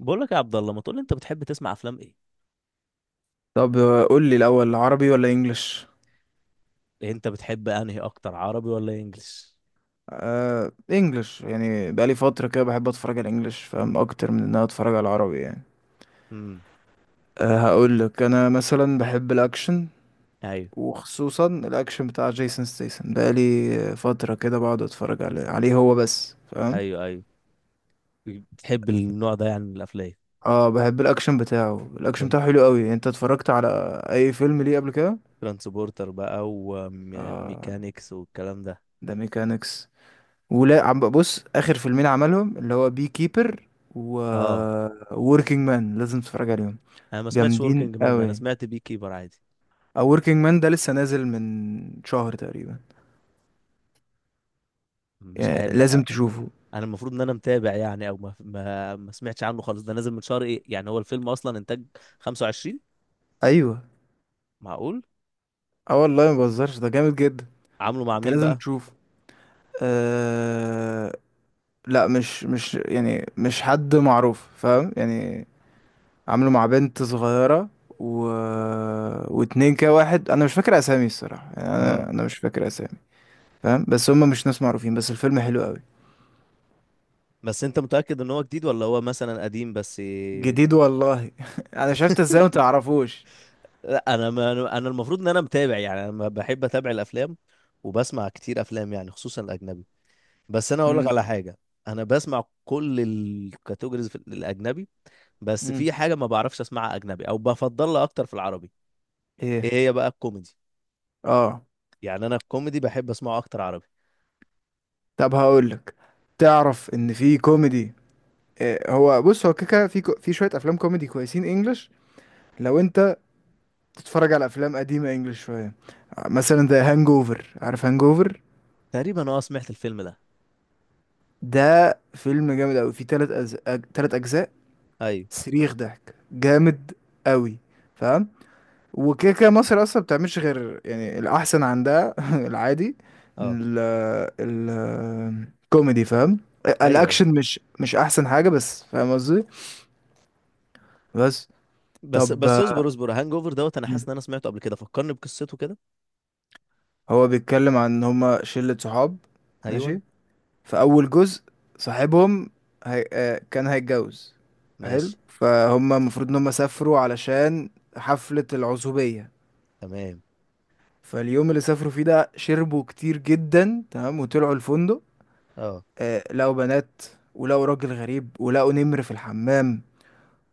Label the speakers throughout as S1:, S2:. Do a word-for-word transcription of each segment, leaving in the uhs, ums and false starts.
S1: بقول لك يا عبد الله، ما تقول لي انت بتحب تسمع افلام ايه؟
S2: طب، آه، قول لي الاول عربي ولا انجليش؟
S1: يعني انت بتحب انهي اكتر، عربي ولا انجليش؟
S2: آه انجليش، يعني بقالي فتره كده بحب اتفرج على الانجليش، فاهم اكتر من ان انا اتفرج على العربي يعني.
S1: امم.
S2: آه هقول لك انا مثلا بحب الاكشن،
S1: ايوه.
S2: وخصوصا الاكشن بتاع جيسون ستيسن. بقالي آه، فتره كده بقعد اتفرج عليه عليه هو بس، فاهم.
S1: ايوه، ايوه. بتحب النوع ده يعني من الافلام؟
S2: اه بحب الاكشن بتاعه، الاكشن
S1: تران-
S2: بتاعه حلو قوي. انت اتفرجت على اي فيلم ليه قبل كده؟
S1: ترانسبورتر بقى،
S2: اه
S1: وميكانيكس والكلام ده.
S2: ده ميكانكس، ولا عم بص اخر فيلمين عملهم اللي هو بي كيبر و
S1: اه.
S2: وركينج مان، لازم تتفرج عليهم،
S1: انا ما سمعتش
S2: جامدين
S1: وركينج مان ده، انا
S2: قوي.
S1: سمعت بي كيبر عادي.
S2: او وركينج مان ده لسه نازل من شهر تقريبا،
S1: مش
S2: يعني
S1: عارف. أ-
S2: لازم تشوفه.
S1: انا المفروض ان انا متابع يعني، او ما ما, ما سمعتش عنه خالص، ده نازل من شهر. ايه يعني هو الفيلم اصلا انتاج خمسة وعشرين؟
S2: ايوه.
S1: معقول؟
S2: اه والله ما بهزرش، ده جامد جدا.
S1: عامله مع
S2: انت
S1: مين
S2: لازم
S1: بقى؟
S2: تشوفه. أه... لا مش مش يعني مش حد معروف، فاهم يعني. عامله مع بنت صغيرة و... واتنين كده. واحد انا مش فاكر اسامي الصراحة، يعني
S1: اه.
S2: انا انا مش فاكر اسامي، فاهم. بس هم مش ناس معروفين، بس الفيلم حلو قوي.
S1: بس انت متأكد ان هو جديد ولا هو مثلا قديم بس؟
S2: جديد والله انا شفت ازاي وما تعرفوش.
S1: لا انا ما انا المفروض ان انا متابع يعني، انا ما بحب اتابع الافلام، وبسمع كتير افلام يعني خصوصا الاجنبي. بس انا هقول لك
S2: امم.
S1: على حاجه. انا بسمع كل الكاتيجوريز في الاجنبي، بس
S2: امم.
S1: في حاجه ما بعرفش اسمعها اجنبي او بفضلها اكتر في العربي. ايه
S2: ايه.
S1: هي بقى؟ الكوميدي.
S2: اه.
S1: يعني انا الكوميدي بحب اسمعه اكتر عربي.
S2: طب هقول لك، تعرف ان في كوميدي. إيه، هو بص، هو كيكا في كو... في شويه افلام كوميدي كويسين انجلش، لو انت تتفرج على افلام قديمه انجلش شويه. آه، مثلا ذا هانج اوفر، عارف هانج اوفر؟
S1: تقريبا اه سمعت الفيلم ده.
S2: ده فيلم جامد قوي، فيه تلات أز... أج... تلات اجزاء.
S1: ايوه.
S2: صريخ ضحك جامد قوي، فاهم؟ وكده كده مصر اصلا بتعملش غير يعني الاحسن عندها العادي.
S1: اه.
S2: ال ال كوميدي، فاهم.
S1: ايوه، ايوه.
S2: الاكشن مش مش احسن حاجه، بس فاهم قصدي. بس.
S1: بس
S2: طب
S1: بس
S2: آه،
S1: اصبر اصبر، هانج اوفر دوت، انا حاسس
S2: مم.
S1: ان انا سمعته قبل كده، فكرني بقصته كده.
S2: هو بيتكلم عن ان هما شله صحاب.
S1: ايوه.
S2: ماشي. في اول جزء، صاحبهم هي... آه، كان هيتجوز. حلو
S1: ماشي.
S2: فهم، المفروض ان هم سافروا علشان حفله العزوبيه.
S1: تمام.
S2: فاليوم اللي سافروا فيه ده شربوا كتير جدا، تمام، وطلعوا الفندق.
S1: اه
S2: آه، لقوا بنات، ولقوا راجل غريب، ولقوا نمر في الحمام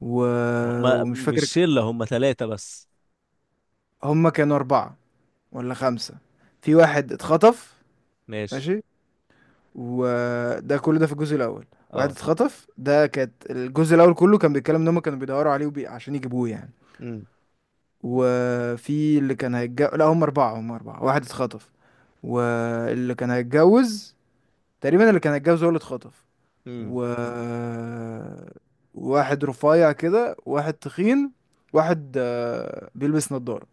S2: و...
S1: هما
S2: ومش
S1: مش
S2: فاكر،
S1: شلة، هما ثلاثة بس.
S2: هما كانوا أربعة ولا خمسة. في واحد اتخطف.
S1: ماشي.
S2: ماشي. وده كله ده في الجزء الأول. واحد
S1: اه.
S2: اتخطف ده كانت الجزء الأول كله كان بيتكلم إن هما كانوا بيدوروا عليه وبي... عشان يجيبوه يعني.
S1: امم.
S2: وفي اللي كان هيتجوز، لا هما أربعة، هما أربعة، واحد اتخطف. واللي كان هيتجوز، تقريبا اللي كان هيتجوز هو اللي اتخطف
S1: امم.
S2: و واحد رفيع كده، واحد تخين، واحد آه، بيلبس نظارة.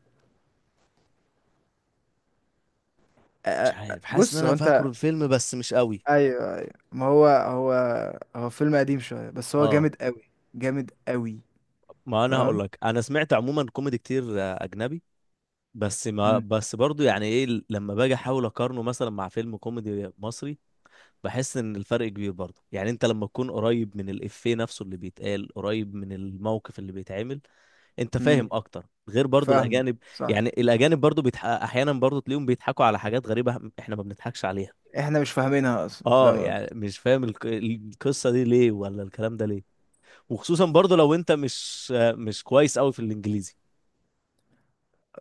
S1: مش
S2: آه، آه،
S1: عارف، حاسس ان
S2: بص، هو
S1: انا
S2: انت.
S1: فاكره الفيلم بس مش قوي.
S2: ايوه، ايوه، ما هو هو هو فيلم قديم شوية، بس هو
S1: اه،
S2: جامد قوي، جامد قوي،
S1: ما انا هقول
S2: فاهم.
S1: لك، انا سمعت عموما كوميدي كتير آه، اجنبي. بس ما
S2: امم.
S1: بس برضو يعني ايه، ل- لما باجي احاول اقارنه مثلا مع فيلم كوميدي مصري، بحس ان الفرق كبير برضو. يعني انت لما تكون قريب من الافيه نفسه اللي بيتقال، قريب من الموقف اللي بيتعمل، انت
S2: امم.
S1: فاهم اكتر غير برضو
S2: فاهمه
S1: الاجانب.
S2: صح.
S1: يعني الاجانب برضو بيتح... احيانا برضو تلاقيهم بيضحكوا على حاجات غريبة احنا ما بنضحكش عليها.
S2: احنا مش فاهمينها اصلا،
S1: اه
S2: فاهم
S1: يعني
S2: قصدي؟
S1: مش فاهم الق- القصه دي ليه ولا الكلام ده ليه. وخصوصا برضو لو انت مش مش كويس قوي في الانجليزي،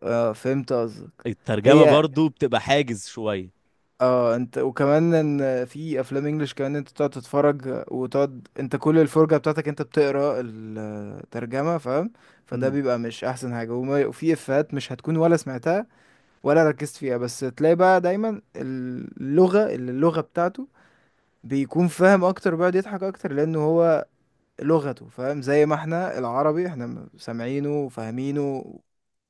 S2: اه فهمت قصدك.
S1: الترجمه
S2: هي.
S1: برضو بتبقى حاجز شويه.
S2: اه انت، وكمان ان في افلام انجليش كمان انت تقعد تتفرج، وتقعد انت كل الفرجة بتاعتك انت بتقرا الترجمة، فاهم. فده
S1: امم.
S2: بيبقى مش احسن حاجة وما- وفي افيهات مش هتكون ولا سمعتها ولا ركزت فيها. بس تلاقي بقى دايما اللغة اللي اللغة بتاعته بيكون فاهم اكتر، بيقعد يضحك اكتر، لانه هو لغته، فاهم. زي ما احنا العربي احنا سامعينه وفاهمينه،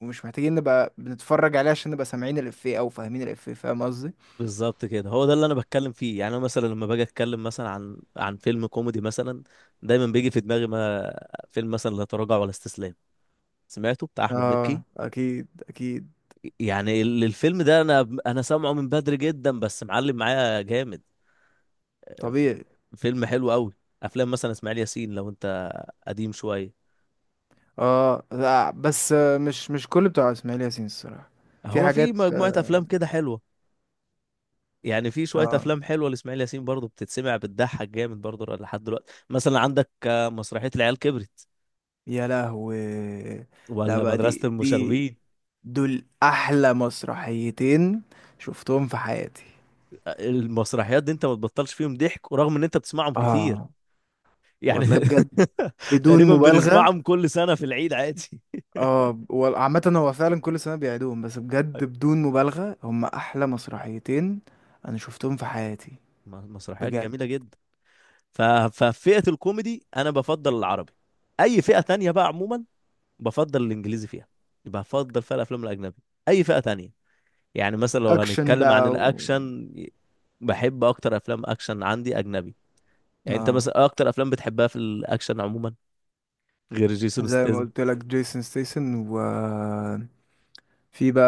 S2: ومش محتاجين نبقى بنتفرج عليه عشان نبقى سامعين الافيه او فاهمين الافيه، فاهم قصدي.
S1: بالظبط كده، هو ده اللي انا بتكلم فيه. يعني انا مثلا لما باجي اتكلم مثلا عن عن فيلم كوميدي مثلا، دايما بيجي في دماغي ما، فيلم مثلا لا تراجع ولا استسلام، سمعته بتاع احمد
S2: اه
S1: مكي.
S2: اكيد اكيد.
S1: يعني ال- الفيلم ده انا انا سامعه من بدري جدا بس معلم معايا جامد. ف-
S2: طبيعي.
S1: فيلم حلو قوي. افلام مثلا اسماعيل ياسين، لو انت قديم شويه.
S2: اه لا بس آه، مش مش كل بتوع اسماعيل ياسين الصراحه. في
S1: هو في
S2: حاجات.
S1: مجموعه افلام كده حلوه. يعني في شويه
S2: اه
S1: افلام حلوه لاسماعيل ياسين برضه بتتسمع، بتضحك جامد برضه لحد دلوقتي. مثلا عندك آه، مسرحيه العيال كبرت
S2: يا لهوي. لا
S1: ولا
S2: بقى،
S1: مدرسه
S2: دي دي
S1: المشاغبين.
S2: دول احلى مسرحيتين شفتهم في حياتي.
S1: آه، المسرحيات دي انت ما تبطلش فيهم ضحك، ورغم ان انت بتسمعهم كتير
S2: اه
S1: يعني
S2: والله بجد، بدون
S1: تقريبا
S2: مبالغه.
S1: بنسمعهم كل سنه في العيد عادي.
S2: اه وال- عامه هو فعلا كل سنه بيعيدوهم، بس بجد
S1: طيب،
S2: بدون مبالغه هم احلى مسرحيتين انا شفتهم في حياتي،
S1: م- مسرحيات
S2: بجد.
S1: جميله جدا. ف- ففئه الكوميدي انا بفضل العربي. اي فئه تانية بقى عموما بفضل الانجليزي فيها. بفضل فيها الافلام الاجنبي. اي فئه تانية، يعني مثلا لو
S2: اكشن
S1: هنتكلم عن
S2: بقى و...
S1: الاكشن، بحب اكتر افلام اكشن عندي اجنبي. يعني انت
S2: اه
S1: مثلا إيه اكتر افلام بتحبها في الاكشن عموما غير جيسون
S2: زي ما
S1: ستاثام؟
S2: قلت لك جيسون ستيسن، وفي بقى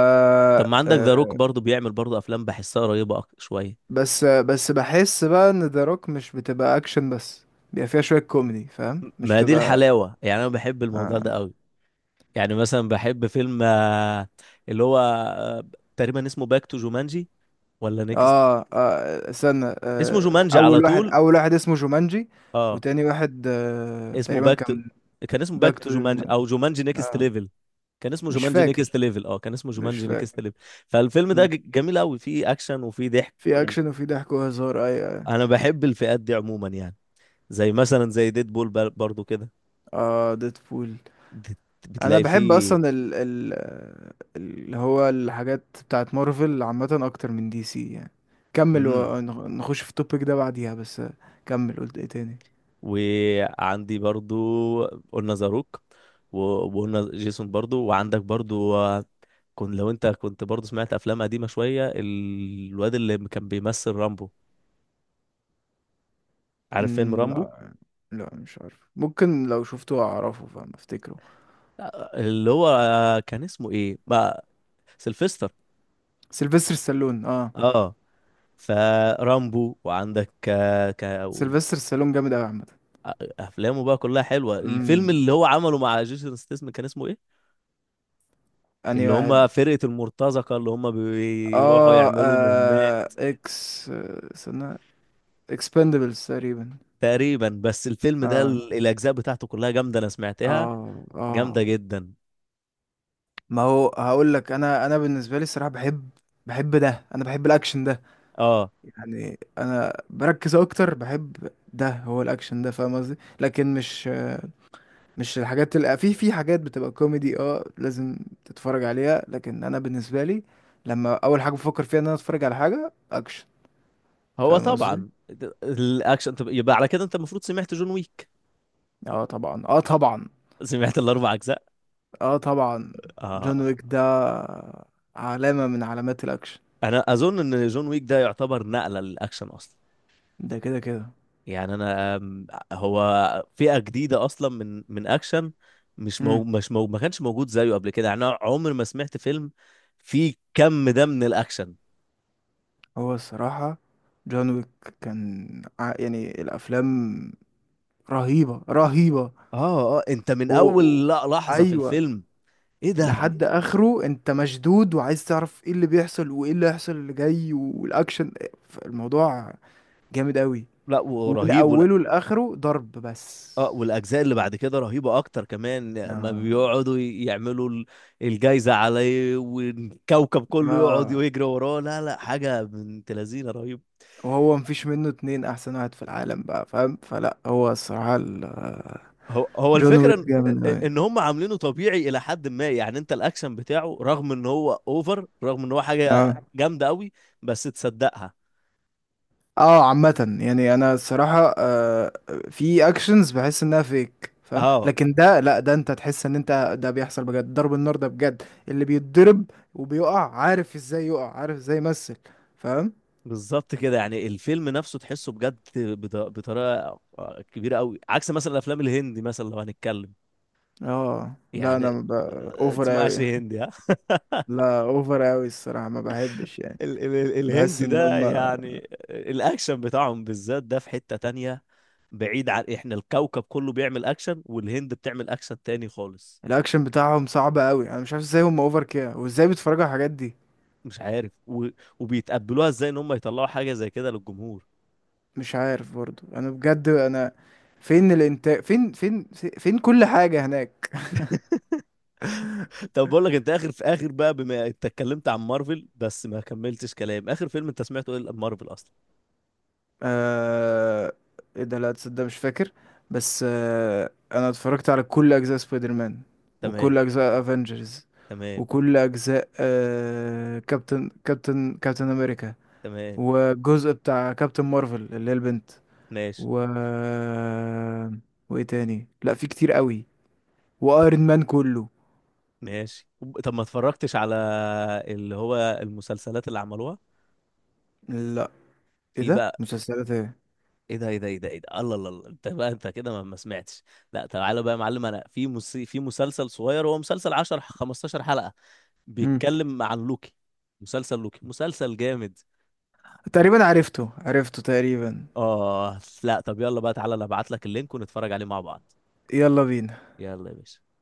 S1: طب ما عندك ذا روك
S2: آه،
S1: برضه بيعمل برضه افلام بحسها قريبه أك- شويه.
S2: بس بس بحس بقى ان ذا روك مش بتبقى اكشن بس، بيبقى فيها شوية كوميدي، فاهم،
S1: م-
S2: مش
S1: ما دي
S2: بتبقى.
S1: الحلاوه يعني، انا بحب الموضوع ده
S2: اه،
S1: قوي. يعني مثلا بحب فيلم آه، اللي هو، آه، تقريبا اسمه باك تو جومانجي ولا نيكست؟
S2: اه، آه استنى
S1: اسمه
S2: آه
S1: جومانجي على
S2: اول واحد،
S1: طول.
S2: اول واحد اسمه جومانجي.
S1: اه
S2: وتاني واحد آه
S1: اسمه
S2: تقريبا
S1: باك تو.
S2: كان
S1: كان اسمه باك
S2: باك
S1: تو
S2: تو
S1: جومانجي
S2: جومانجي.
S1: او جومانجي نيكست
S2: اه.
S1: ليفل. كان اسمه
S2: مش
S1: جومانجي نيكست
S2: فاكر،
S1: ليفل. اه كان اسمه
S2: مش
S1: جومانجي نيكست
S2: فاكر.
S1: ليفل. فالفيلم ده
S2: مم.
S1: ج- جميل قوي، فيه اكشن وفيه ضحك
S2: في
S1: و...
S2: اكشن وفي ضحك وهزار اي اه,
S1: انا بحب الفئات دي عموما يعني. زي مثلا زي ديد بول برضو كده،
S2: آه ديدبول.
S1: بت-
S2: انا
S1: بتلاقي
S2: بحب
S1: فيه.
S2: اصلا ال ال اللي هو الحاجات بتاعت مارفل عامه اكتر من دي سي يعني. كمل
S1: امم.
S2: ونخش في التوبيك ده بعديها بس. كمل، قلت ايه تاني.
S1: وعندي برضو، قلنا زاروك و- وقلنا جيسون برضو. وعندك برضو آه، كن، لو انت كنت برضو سمعت افلام قديمة شوية، الواد اللي كان بيمثل رامبو. عارف فيلم
S2: مم،
S1: رامبو؟
S2: لا. لا مش عارف، ممكن لو شفته اعرفه، فاهم، افتكره.
S1: اللي هو كان اسمه ايه بقى؟ سيلفستر.
S2: سيلفستر ستالون اه.
S1: اه. فرامبو، وعندك آه، ك... و-
S2: سيلفستر ستالون جامد قوي عامه.
S1: آه، افلامه بقى كلها حلوه. الفيلم
S2: امم.
S1: اللي هو عمله مع جيسون ستاثام كان اسمه ايه؟
S2: انهي
S1: اللي
S2: واحد؟
S1: هم فرقه المرتزقه، اللي هم بيروحوا
S2: اه،
S1: يعملوا
S2: آه
S1: مهمات.
S2: اكس آه، استنى. اكسبندبلز تقريبا.
S1: تقريبا. بس الفيلم ده
S2: اه
S1: ال- الاجزاء بتاعته كلها جامده، انا سمعتها
S2: اه اه.
S1: جامده جدا.
S2: ما هو هقول لك، انا انا بالنسبه لي الصراحه بحب. بحب ده، انا بحب الاكشن ده.
S1: اه.
S2: يعني انا بركز اكتر، بحب ده هو الاكشن ده، فاهم قصدي، لكن مش، مش الحاجات اللي في في حاجات بتبقى كوميدي، اه لازم تتفرج عليها، لكن انا بالنسبه لي، لما اول حاجه بفكر فيها ان انا اتفرج على حاجه اكشن،
S1: هو
S2: فاهم قصدي.
S1: طبعا د- الاكشن. طب يبقى على كده انت المفروض سمعت جون ويك.
S2: اه طبعا، اه طبعا.
S1: سمعت الاربع اجزاء.
S2: اه طبعا.
S1: اه.
S2: جون ويك ده علامه من علامات الاكشن.
S1: انا اظن ان جون ويك ده يعتبر نقله للاكشن اصلا.
S2: ده كده كده.
S1: يعني انا أم، هو فئه جديده اصلا من من اكشن. مش مو مش مو ما كانش موجود زيه قبل كده. يعني انا عمري ما سمعت فيلم فيه كم ده من الاكشن.
S2: هو الصراحة جون ويك كان ع- يعني الأفلام رهيبة رهيبة
S1: اه اه، انت من
S2: و... و-
S1: اول لا- لحظه في
S2: أيوة،
S1: الفيلم، ايه ده،
S2: لحد آخره أنت مشدود وعايز تعرف إيه اللي بيحصل وإيه اللي هيحصل اللي جاي والأكشن، الموضوع جامد أوي،
S1: لا
S2: ومن
S1: ورهيب ولا.
S2: أوله لآخره ضرب بس.
S1: اه، والاجزاء اللي بعد كده رهيبه اكتر كمان. ما
S2: آه.
S1: بيقعدوا ي- يعملوا ال- الجايزه عليه والكوكب كله يقعد
S2: آه.
S1: ويجري وراه، لا لا، حاجه بنت لذينه رهيبه.
S2: وهو مفيش منه اتنين، أحسن واحد في العالم بقى، فاهم، فلا هو الصراحة ال-
S1: هو هو
S2: جون
S1: الفكره
S2: ويك
S1: ان
S2: جامد أوي.
S1: إن هم عاملينه طبيعي الى حد ما. يعني انت الاكشن بتاعه رغم ان هو اوفر، رغم ان هو حاجه
S2: آه.
S1: جامده قوي، بس تصدقها.
S2: اه عامة يعني انا الصراحة آه في اكشنز بحس انها فيك، فاهم،
S1: اه
S2: لكن ده لا، ده انت تحس ان انت ده بيحصل بجد، ضرب النار ده بجد، اللي بيتضرب وبيقع عارف ازاي يقع عارف ازاي يمثل، فاهم.
S1: بالظبط كده، يعني الفيلم نفسه تحسه بجد بط- بطريقه آه، كبيره قوي، عكس مثلا الافلام الهندي. مثلا لو هنتكلم
S2: اه لا
S1: يعني،
S2: انا ب...
S1: آه،
S2: اوفر
S1: تسمعش
S2: اوي.
S1: هندي ها
S2: لا اوفر اوي الصراحة، ما بحبش يعني.
S1: ال ال ال-
S2: بحس
S1: الهندي
S2: ان
S1: ده
S2: هم
S1: يعني الاكشن بتاعهم بالذات ده في حتة تانية. بعيد عن احنا، الكوكب كله بيعمل اكشن والهند بتعمل اكشن تاني خالص.
S2: الاكشن بتاعهم صعب اوي، انا مش عارف ازاي هم اوفر كده وازاي بيتفرجوا على الحاجات دي.
S1: مش عارف و... وبيتقبلوها ازاي ان هم يطلعوا حاجه زي كده للجمهور
S2: مش عارف برضو، انا بجد انا فين الانتاج، فين، فين، فين كل حاجة هناك.
S1: طب بقول لك، انت اخر، في اخر بقى بما انت اتكلمت عن مارفل بس ما كملتش كلام، اخر فيلم انت سمعته ايه مارفل اصلا؟
S2: آه... ايه ده، لا تصدق مش فاكر، بس آه... انا اتفرجت على كل اجزاء سبايدر مان،
S1: تمام.
S2: وكل اجزاء افنجرز،
S1: تمام.
S2: وكل اجزاء آه... كابتن كابتن كابتن امريكا،
S1: تمام.
S2: والجزء بتاع كابتن مارفل اللي هي البنت
S1: ماشي.
S2: و وايه تاني، لا في كتير قوي، وايرون مان كله.
S1: ماشي. وب- طب ما اتفرجتش على اللي هو المسلسلات اللي عملوها؟
S2: لا ايه
S1: في
S2: ده،
S1: بقى.
S2: مسلسلات ايه؟
S1: ايه ده ايه ده ايه ده ايه ده، الله الله الله. انت بقى انت كده ما ما سمعتش. لا، تعالى بقى يا معلم. انا في مس... في مسلسل صغير، هو مسلسل عشر خمستاشر حلقة،
S2: مم.
S1: بيتكلم عن لوكي. مسلسل لوكي، مسلسل جامد.
S2: تقريبا عرفته عرفته تقريبا.
S1: اه. لا طب يلا بقى تعالى، انا ابعت لك اللينك ونتفرج عليه مع بعض.
S2: يلا بينا.
S1: يلا يا باشا.